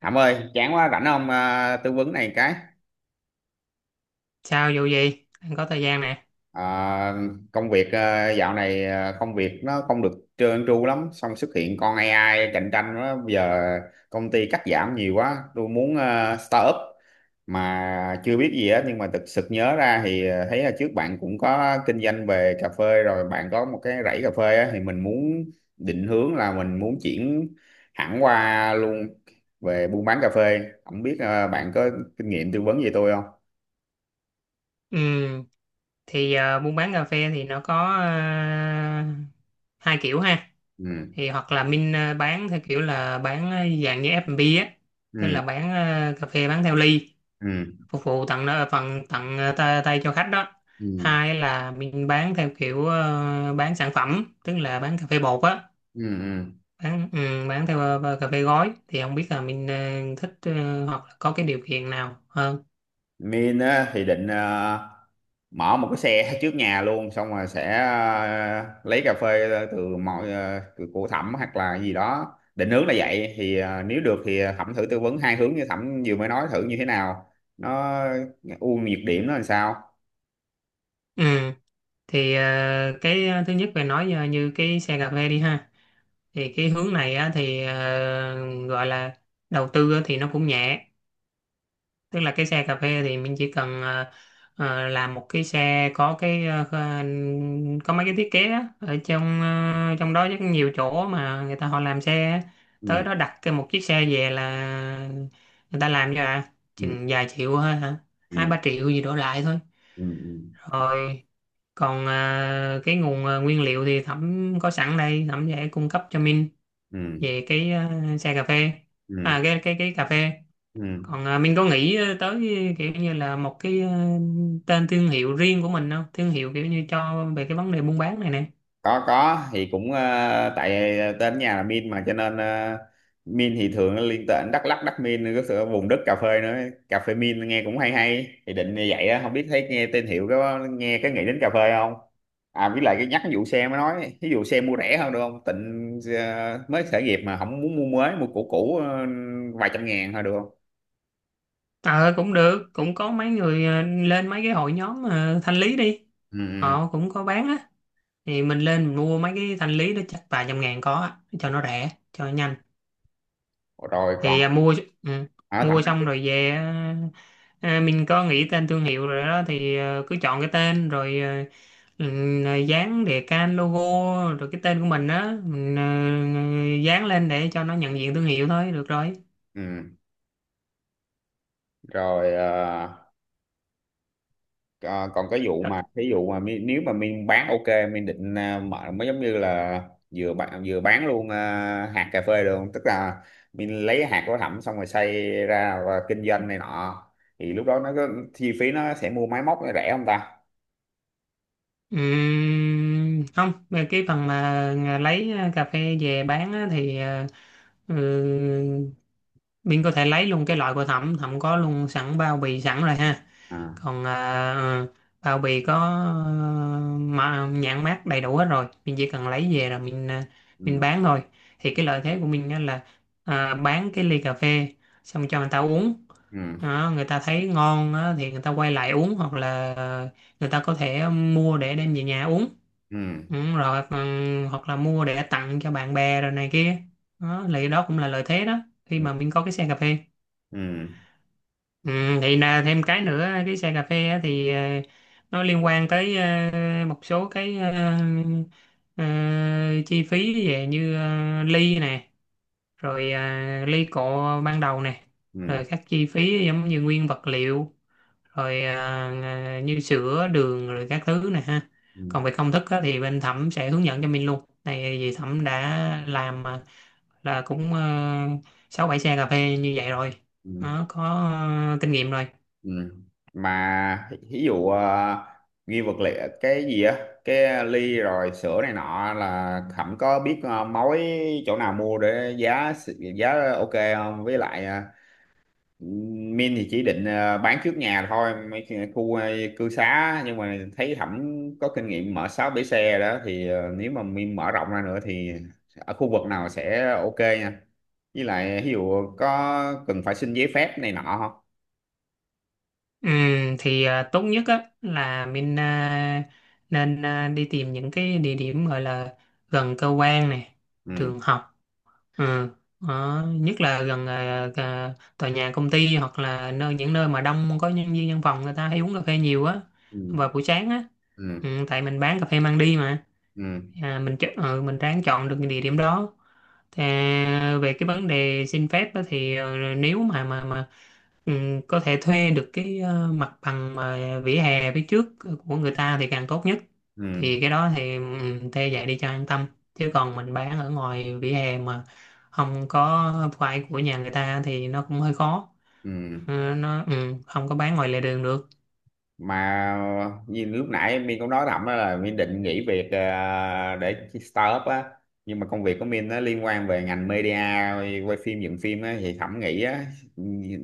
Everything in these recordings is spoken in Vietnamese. Thảm ơi, chán quá rảnh không à, tư vấn này cái. Sao vụ gì? Anh có thời gian nè. à, công việc, dạo này, công việc nó không được trơn tru lắm, xong xuất hiện con AI cạnh tranh đó. Bây giờ công ty cắt giảm nhiều quá, tôi muốn start up mà chưa biết gì hết. Nhưng mà thực sự nhớ ra thì thấy là trước bạn cũng có kinh doanh về cà phê rồi, bạn có một cái rẫy cà phê á, thì mình muốn định hướng là mình muốn chuyển hẳn qua luôn về buôn bán cà phê. Không biết bạn có kinh nghiệm tư vấn gì tôi không? Ừ, thì buôn bán cà phê thì nó có hai kiểu ha. Ừ, Thì hoặc là mình bán theo kiểu là bán dạng như F&B á, tức ừ, là bán cà phê bán theo ly, ừ, phục vụ tặng nó phần tặng tay cho khách đó. ừ, Hai là mình bán theo kiểu bán sản phẩm, tức là bán cà phê bột á, ừ, ừ. bán theo cà phê gói. Thì không biết là mình thích hoặc là có cái điều kiện nào hơn. Min á thì định mở một cái xe trước nhà luôn, xong rồi sẽ lấy cà phê từ mọi từ của Thẩm hoặc là gì đó, định hướng là vậy. Thì nếu được thì Thẩm thử tư vấn hai hướng như Thẩm vừa mới nói thử như thế nào, nó ưu nhược điểm nó làm sao. Ừ. Thì cái thứ nhất về nói như cái xe cà phê đi ha, thì cái hướng này á, thì gọi là đầu tư á, thì nó cũng nhẹ, tức là cái xe cà phê thì mình chỉ cần làm một cái xe có cái có mấy cái thiết kế á, ở trong đó rất nhiều chỗ mà người ta họ làm xe á. Ừ, Tới đó đặt cái một chiếc xe về là người ta làm cho ừ, chừng vài triệu thôi hả? Hai ba ừ, triệu gì đổ lại thôi. ừ, ừ, Rồi còn cái nguồn nguyên liệu thì Thẩm có sẵn đây, Thẩm sẽ cung cấp cho Minh ừ, về cái xe cà phê, à ừ, cái cái cái cà phê. ừ. Ừ. Còn Minh có nghĩ tới kiểu như là một cái tên thương hiệu riêng của mình không, thương hiệu kiểu như cho về cái vấn đề buôn bán này nè? Có, thì cũng tại tên nhà là Min mà, cho nên Min thì thường nó liên tên Đắk Lắk, Đắk Min có sự vùng đất cà phê nữa, cà phê Min nghe cũng hay hay, thì định như vậy á. Không biết thấy nghe tên hiệu có nghe cái nghĩ đến cà phê không? À, với lại cái nhắc cái vụ xe mới nói, ví dụ xe mua rẻ hơn được không, tịnh mới khởi nghiệp mà không muốn mua mới, mua cũ cũ vài trăm ngàn thôi được không? Ờ Cũng được, cũng có mấy người lên mấy cái hội nhóm thanh lý đi, Ừ, họ cũng có bán á. Thì mình lên mình mua mấy cái thanh lý đó chắc vài trăm ngàn có á, cho nó rẻ cho nó nhanh. ừ. Rồi còn Thì ừ, ở thẳng. mua xong rồi về, mình có nghĩ tên thương hiệu rồi đó thì cứ chọn cái tên rồi, ừ, dán đề can logo rồi cái tên của mình á, mình dán lên để cho nó nhận diện thương hiệu thôi được rồi. Ừ. Rồi ờ, còn cái vụ mà ví dụ mà nếu mà Miên bán ok, Miên định mở mới giống như là vừa bán, vừa bán luôn hạt cà phê được không? Tức là Miên lấy hạt của Thẩm xong rồi xay ra và kinh doanh này nọ, thì lúc đó nó có chi phí, nó sẽ mua máy móc nó rẻ không ta? Không, về cái phần mà lấy cà phê về bán á, thì ừ, mình có thể lấy luôn cái loại của thẩm thẩm có luôn sẵn bao bì sẵn rồi ha. À, Còn bao bì có ờ, mà nhãn mác đầy đủ hết rồi, mình chỉ cần lấy về rồi mình ừ, bán thôi. Thì cái lợi thế của mình á là bán cái ly cà phê xong cho người ta uống ừ, đó, người ta thấy ngon á thì người ta quay lại uống, hoặc là người ta có thể mua để đem về nhà uống. ừ, Rồi hoặc là mua để tặng cho bạn bè rồi này kia đó, thì đó cũng là lợi thế đó khi ừ, mà mình có cái xe cà phê. ừ, Ừ, thì là thêm cái nữa, cái xe cà phê á, thì nó liên quan tới một số cái ờ, chi phí về như ly nè, rồi ly cọ ban đầu nè, ừ, ừ, rồi các chi phí giống như nguyên vật liệu, rồi như sữa đường rồi các thứ này ha. ừ. Còn về công thức á thì bên Thẩm sẽ hướng dẫn cho mình luôn này, vì Thẩm đã làm là cũng sáu bảy xe cà phê như vậy rồi, Ừ. nó có kinh nghiệm rồi. Ừ. Mà ví dụ ghi vật liệu cái gì á, cái ly rồi sữa này nọ, là Khẩm có biết mối chỗ nào mua để giá giá ok không? Với lại Min thì chỉ định bán trước nhà thôi, mấy cái khu cư xá. Nhưng mà thấy Khẩm có kinh nghiệm mở sáu bể xe đó, thì nếu mà Min mở rộng ra nữa thì ở khu vực nào sẽ ok nha. Với lại ví dụ có cần phải xin giấy phép này nọ không? Ừ, thì tốt nhất á là mình nên đi tìm những cái địa điểm gọi là gần cơ quan này, Ừ, trường học. Ừ. Đó. Nhất là gần tòa nhà công ty, hoặc là nơi những nơi mà đông có nhân viên văn phòng, người ta hay uống cà phê nhiều á, ừ, vào buổi sáng á, ừ, ừ, tại mình bán cà phê mang đi mà. ừ, Mình mình ráng chọn được địa điểm đó. Về cái vấn đề xin phép á, thì nếu mà mà Ừ, có thể thuê được cái mặt bằng mà vỉa hè phía trước của người ta thì càng tốt nhất. ừ, Thì cái đó thì ừ, thuê vậy đi cho an tâm, chứ còn mình bán ở ngoài vỉa hè mà không có phải của nhà người ta thì nó cũng hơi khó. ừ. Ừ, nó ừ, không có bán ngoài lề đường được. Mà như lúc nãy Min cũng nói thầm á, là Min định nghỉ việc để startup á, nhưng mà công việc của Min nó liên quan về ngành media, quay phim dựng phim á, thì Thẩm nghĩ á,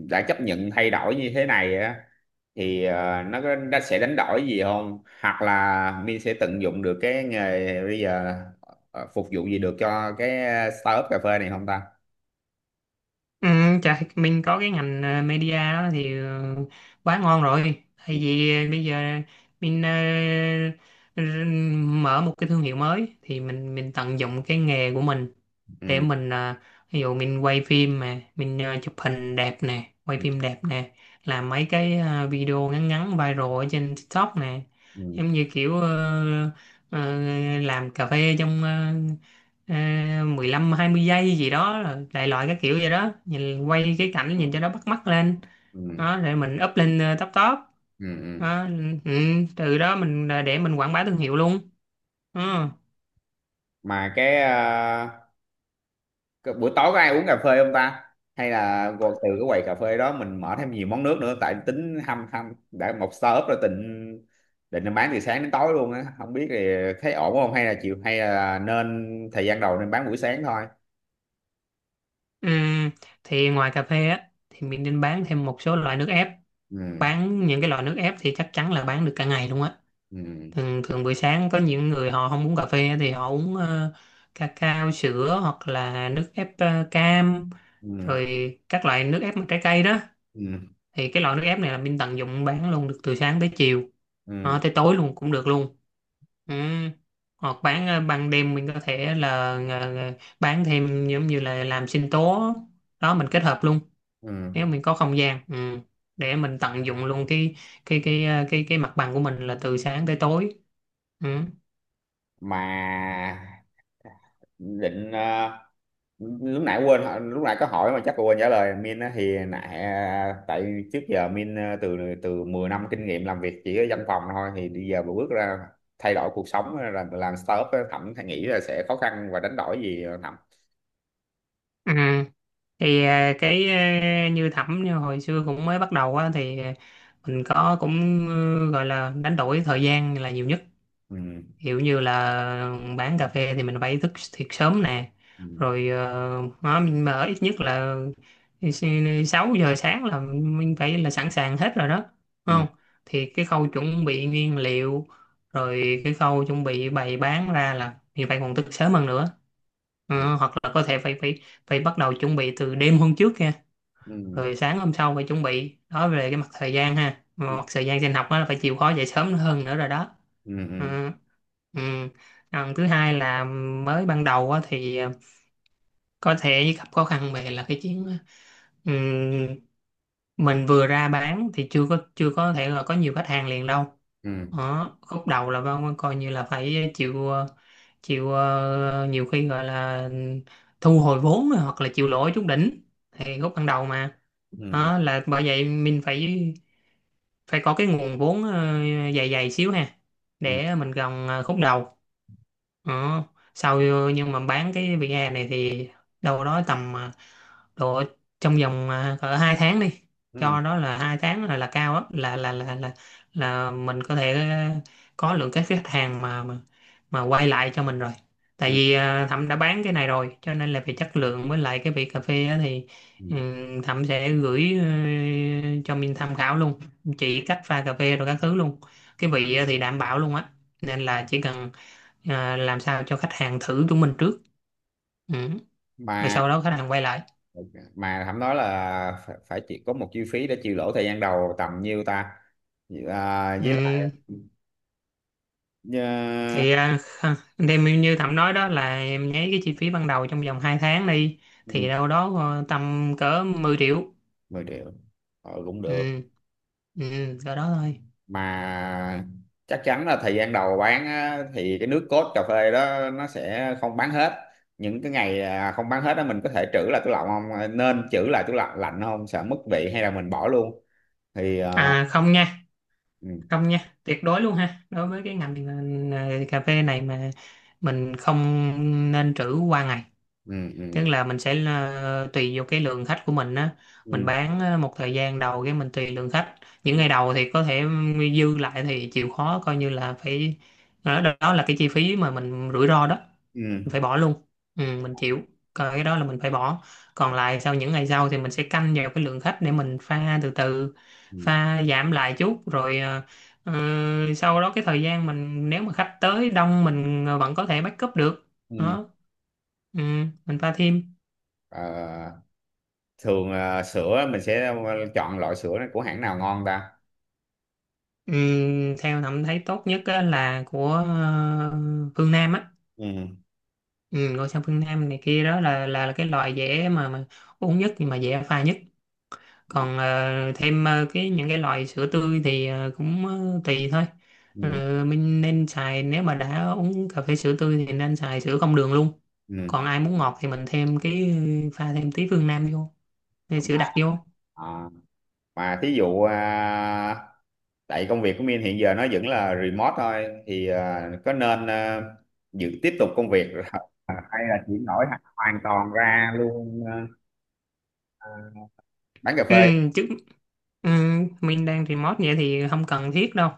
đã chấp nhận thay đổi như thế này á thì nó nó sẽ đánh đổi gì không, hoặc là Min sẽ tận dụng được cái nghề bây giờ phục vụ gì được cho cái startup cà phê này không ta? Ừ, chà, mình có cái ngành media đó thì quá ngon rồi. Ừ, Tại vì bây giờ mình r- mở một cái thương hiệu mới thì mình tận dụng cái nghề của mình, để ừ, mình ví dụ mình quay phim mà mình chụp hình đẹp nè, quay ừ, phim đẹp nè, làm mấy cái video ngắn ngắn viral ở trên TikTok nè, ừ, giống như kiểu ờ, làm cà phê trong 15 20 giây gì đó, rồi đại loại cái kiểu vậy đó, nhìn quay cái cảnh nhìn cho nó bắt mắt lên. Đó, ừ, để mình up lên top top. ừ. Ừ. Đó, ừ, từ đó mình để mình quảng bá thương hiệu luôn. Ờ, Mà cái cái buổi tối có ai uống cà phê không ta, hay là gọi từ cái quầy cà phê đó mình mở thêm nhiều món nước nữa? Tại tính hâm hâm đã một startup rồi, định định bán từ sáng đến tối luôn á. Không biết thì thấy ổn không, hay là chịu, hay là nên thời gian đầu nên bán buổi sáng thôi? ừ, thì ngoài cà phê á thì mình nên bán thêm một số loại nước ép. Ừ, Bán những cái loại nước ép thì chắc chắn là bán được cả ngày luôn á. ừ, Thường thường buổi sáng có những người họ không uống cà phê thì họ uống cacao sữa, hoặc là nước ép cam, ừ, rồi các loại nước ép mà trái cây đó, ừ, thì cái loại nước ép này là bên tận dụng bán luôn được từ sáng tới chiều. Ờ, ừ, tới tối luôn cũng được luôn. Ừ, hoặc bán ban đêm mình có thể là ờ, ờ, bán thêm giống như là làm sinh tố, đó mình kết hợp luôn, nếu ừ. mình có không gian. Ừ, để mình tận dụng luôn cái ờ, cái mặt bằng của mình là từ sáng tới tối. Ừ. Mà định lúc nãy quên lúc nãy có hỏi mà chắc quên trả lời Min á, thì nãy tại trước giờ Min, từ từ 10 năm kinh nghiệm làm việc chỉ ở văn phòng thôi, thì bây giờ mà bước ra thay đổi cuộc sống á, làm startup á, Thẩm thấy nghĩ là sẽ khó khăn và đánh đổi gì không, Thẩm? À, thì cái như Thẩm, như hồi xưa cũng mới bắt đầu á thì mình có cũng gọi là đánh đổi thời gian là nhiều nhất. Ừ, Kiểu như là bán cà phê thì mình phải thức thiệt sớm nè, ừ, rồi nó mình mở ít nhất là 6 giờ sáng là mình phải là sẵn sàng hết rồi đó, đúng ừ, không? Thì cái khâu chuẩn bị nguyên liệu, rồi cái khâu chuẩn bị bày bán ra là mình phải còn thức sớm hơn nữa. ừ, Ờ, hoặc là có thể phải phải phải bắt đầu chuẩn bị từ đêm hôm trước kìa, ừ, rồi sáng hôm sau phải chuẩn bị đó, về cái mặt thời gian ha, mà mặt thời gian trên học á là phải chịu khó dậy sớm hơn nữa rồi đó. ừ, ừ, Ừ. Ừ. Còn thứ hai là mới ban đầu á, thì có thể gặp khó khăn về là cái chuyện ừ, mình vừa ra bán thì chưa có thể là có nhiều khách hàng liền đâu. ừ, Đó khúc đầu là Văn coi như là phải chịu nhiều khi gọi là thu hồi vốn hoặc là chịu lỗ trúng đỉnh thì khúc ban đầu mà. ừ, Đó là bởi vậy mình phải phải có cái nguồn vốn dày dày xíu ha, ừ, để mình gồng khúc đầu. Ờ, sau nhưng mà bán cái VR này thì đâu đó tầm độ trong vòng cỡ 2 tháng đi. ừ, Cho đó là 2 tháng là cao á, là là mình có thể có lượng các khách hàng mà quay lại cho mình rồi, tại ừ, vì Thẩm đã bán cái này rồi, cho nên là về chất lượng với lại cái vị cà phê á thì ừ, ừ, Thẩm sẽ gửi cho Minh tham khảo luôn, chỉ cách pha cà phê rồi các thứ luôn. Cái vị thì đảm bảo luôn á, nên là chỉ cần làm sao cho khách hàng thử chúng mình trước. Ừ. Rồi mà sau đó khách hàng quay lại. mà Thẩm nói là phải chỉ có một chi phí để chịu lỗ thời gian đầu tầm nhiêu ta? Với lại Ừ. Ờ, Thì đem như Thẩm nói đó là em nháy cái chi phí ban đầu trong vòng 2 tháng đi, ừ, thì đâu đó tầm cỡ 10 triệu. 10 triệu cũng được. Ừ. Ừ. Cỡ đó thôi. Mà chắc chắn là thời gian đầu bán á, thì cái nước cốt cà phê đó nó sẽ không bán hết, những cái ngày không bán hết đó mình có thể trữ lại tủ lạnh không? À, nên trữ lại tủ lạnh lạnh không sợ mất vị, hay là mình bỏ luôn thì Không nha, ừ, không nha, tuyệt đối luôn ha. Đối với cái ngành cà phê này mà, mình không nên trữ qua ngày. ừ, Tức ừ, là mình sẽ tùy vô cái lượng khách của mình á, ừ, mình bán một thời gian đầu, cái mình tùy lượng khách, những ừ, ngày đầu thì có thể dư lại thì chịu khó coi như là phải, đó, đó là cái chi phí mà mình rủi ro đó, ừ, mình phải bỏ luôn. Ừ, mình chịu, coi cái đó là mình phải bỏ. Còn lại sau những ngày sau thì mình sẽ canh vào cái lượng khách để mình pha từ từ, ừ, pha giảm lại chút rồi, ờ, sau đó cái thời gian mình nếu mà khách tới đông mình vẫn có thể backup được. ừ. Đó, ừ, mình pha thêm. Ờ, thường sữa mình sẽ chọn loại sữa của hãng nào ngon ta? Theo thẩm thấy tốt nhất á là của Phương Nam á. Ừ, Ừ, ngôi sao Phương Nam này kia, đó là cái loại dễ mà uống nhất, nhưng mà dễ pha nhất. Còn thêm cái những cái loại sữa tươi thì cũng tùy thôi. ừ, Ờ, mình nên xài, nếu mà đã uống cà phê sữa tươi thì nên xài sữa không đường luôn. Còn ừ. ai muốn ngọt thì mình thêm cái pha thêm tí Phương Nam vô, thêm sữa Mà, đặc vô. À, mà thí dụ, tại công việc của Min hiện giờ nó vẫn là remote thôi, thì có nên giữ tiếp tục công việc rồi hay là chuyển đổi hẳn hoàn toàn ra luôn, à, bán cà Ừ, phê? chứ ừ, mình đang remote vậy thì không cần thiết đâu,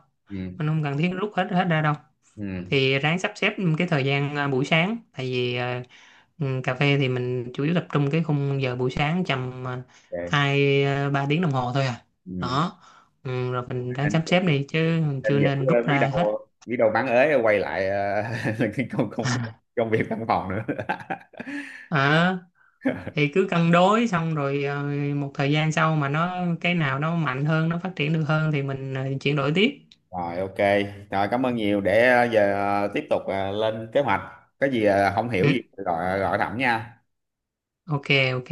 mình Ừ, không cần thiết rút hết hết ra đâu. ừ, Thì ráng sắp xếp cái thời gian buổi sáng, tại vì cà phê thì mình chủ yếu tập trung cái khung giờ buổi sáng tầm ok. hai ba tiếng đồng hồ thôi à. Ừ. Đó, ừ, rồi mình ráng nên sắp xếp đi chứ nên chưa giữ, nên rút ra hết. Biết đâu bán ế quay lại cái công công công việc văn phòng nữa Ờ, thì cứ cân đối xong rồi một thời gian sau mà nó cái nào nó mạnh hơn nó phát triển được hơn thì mình chuyển đổi tiếp. rồi ok. Rồi cảm ơn nhiều, để giờ tiếp tục lên kế hoạch, có gì không hiểu Ừ. gì gọi gọi thẳng nha. Ok ok.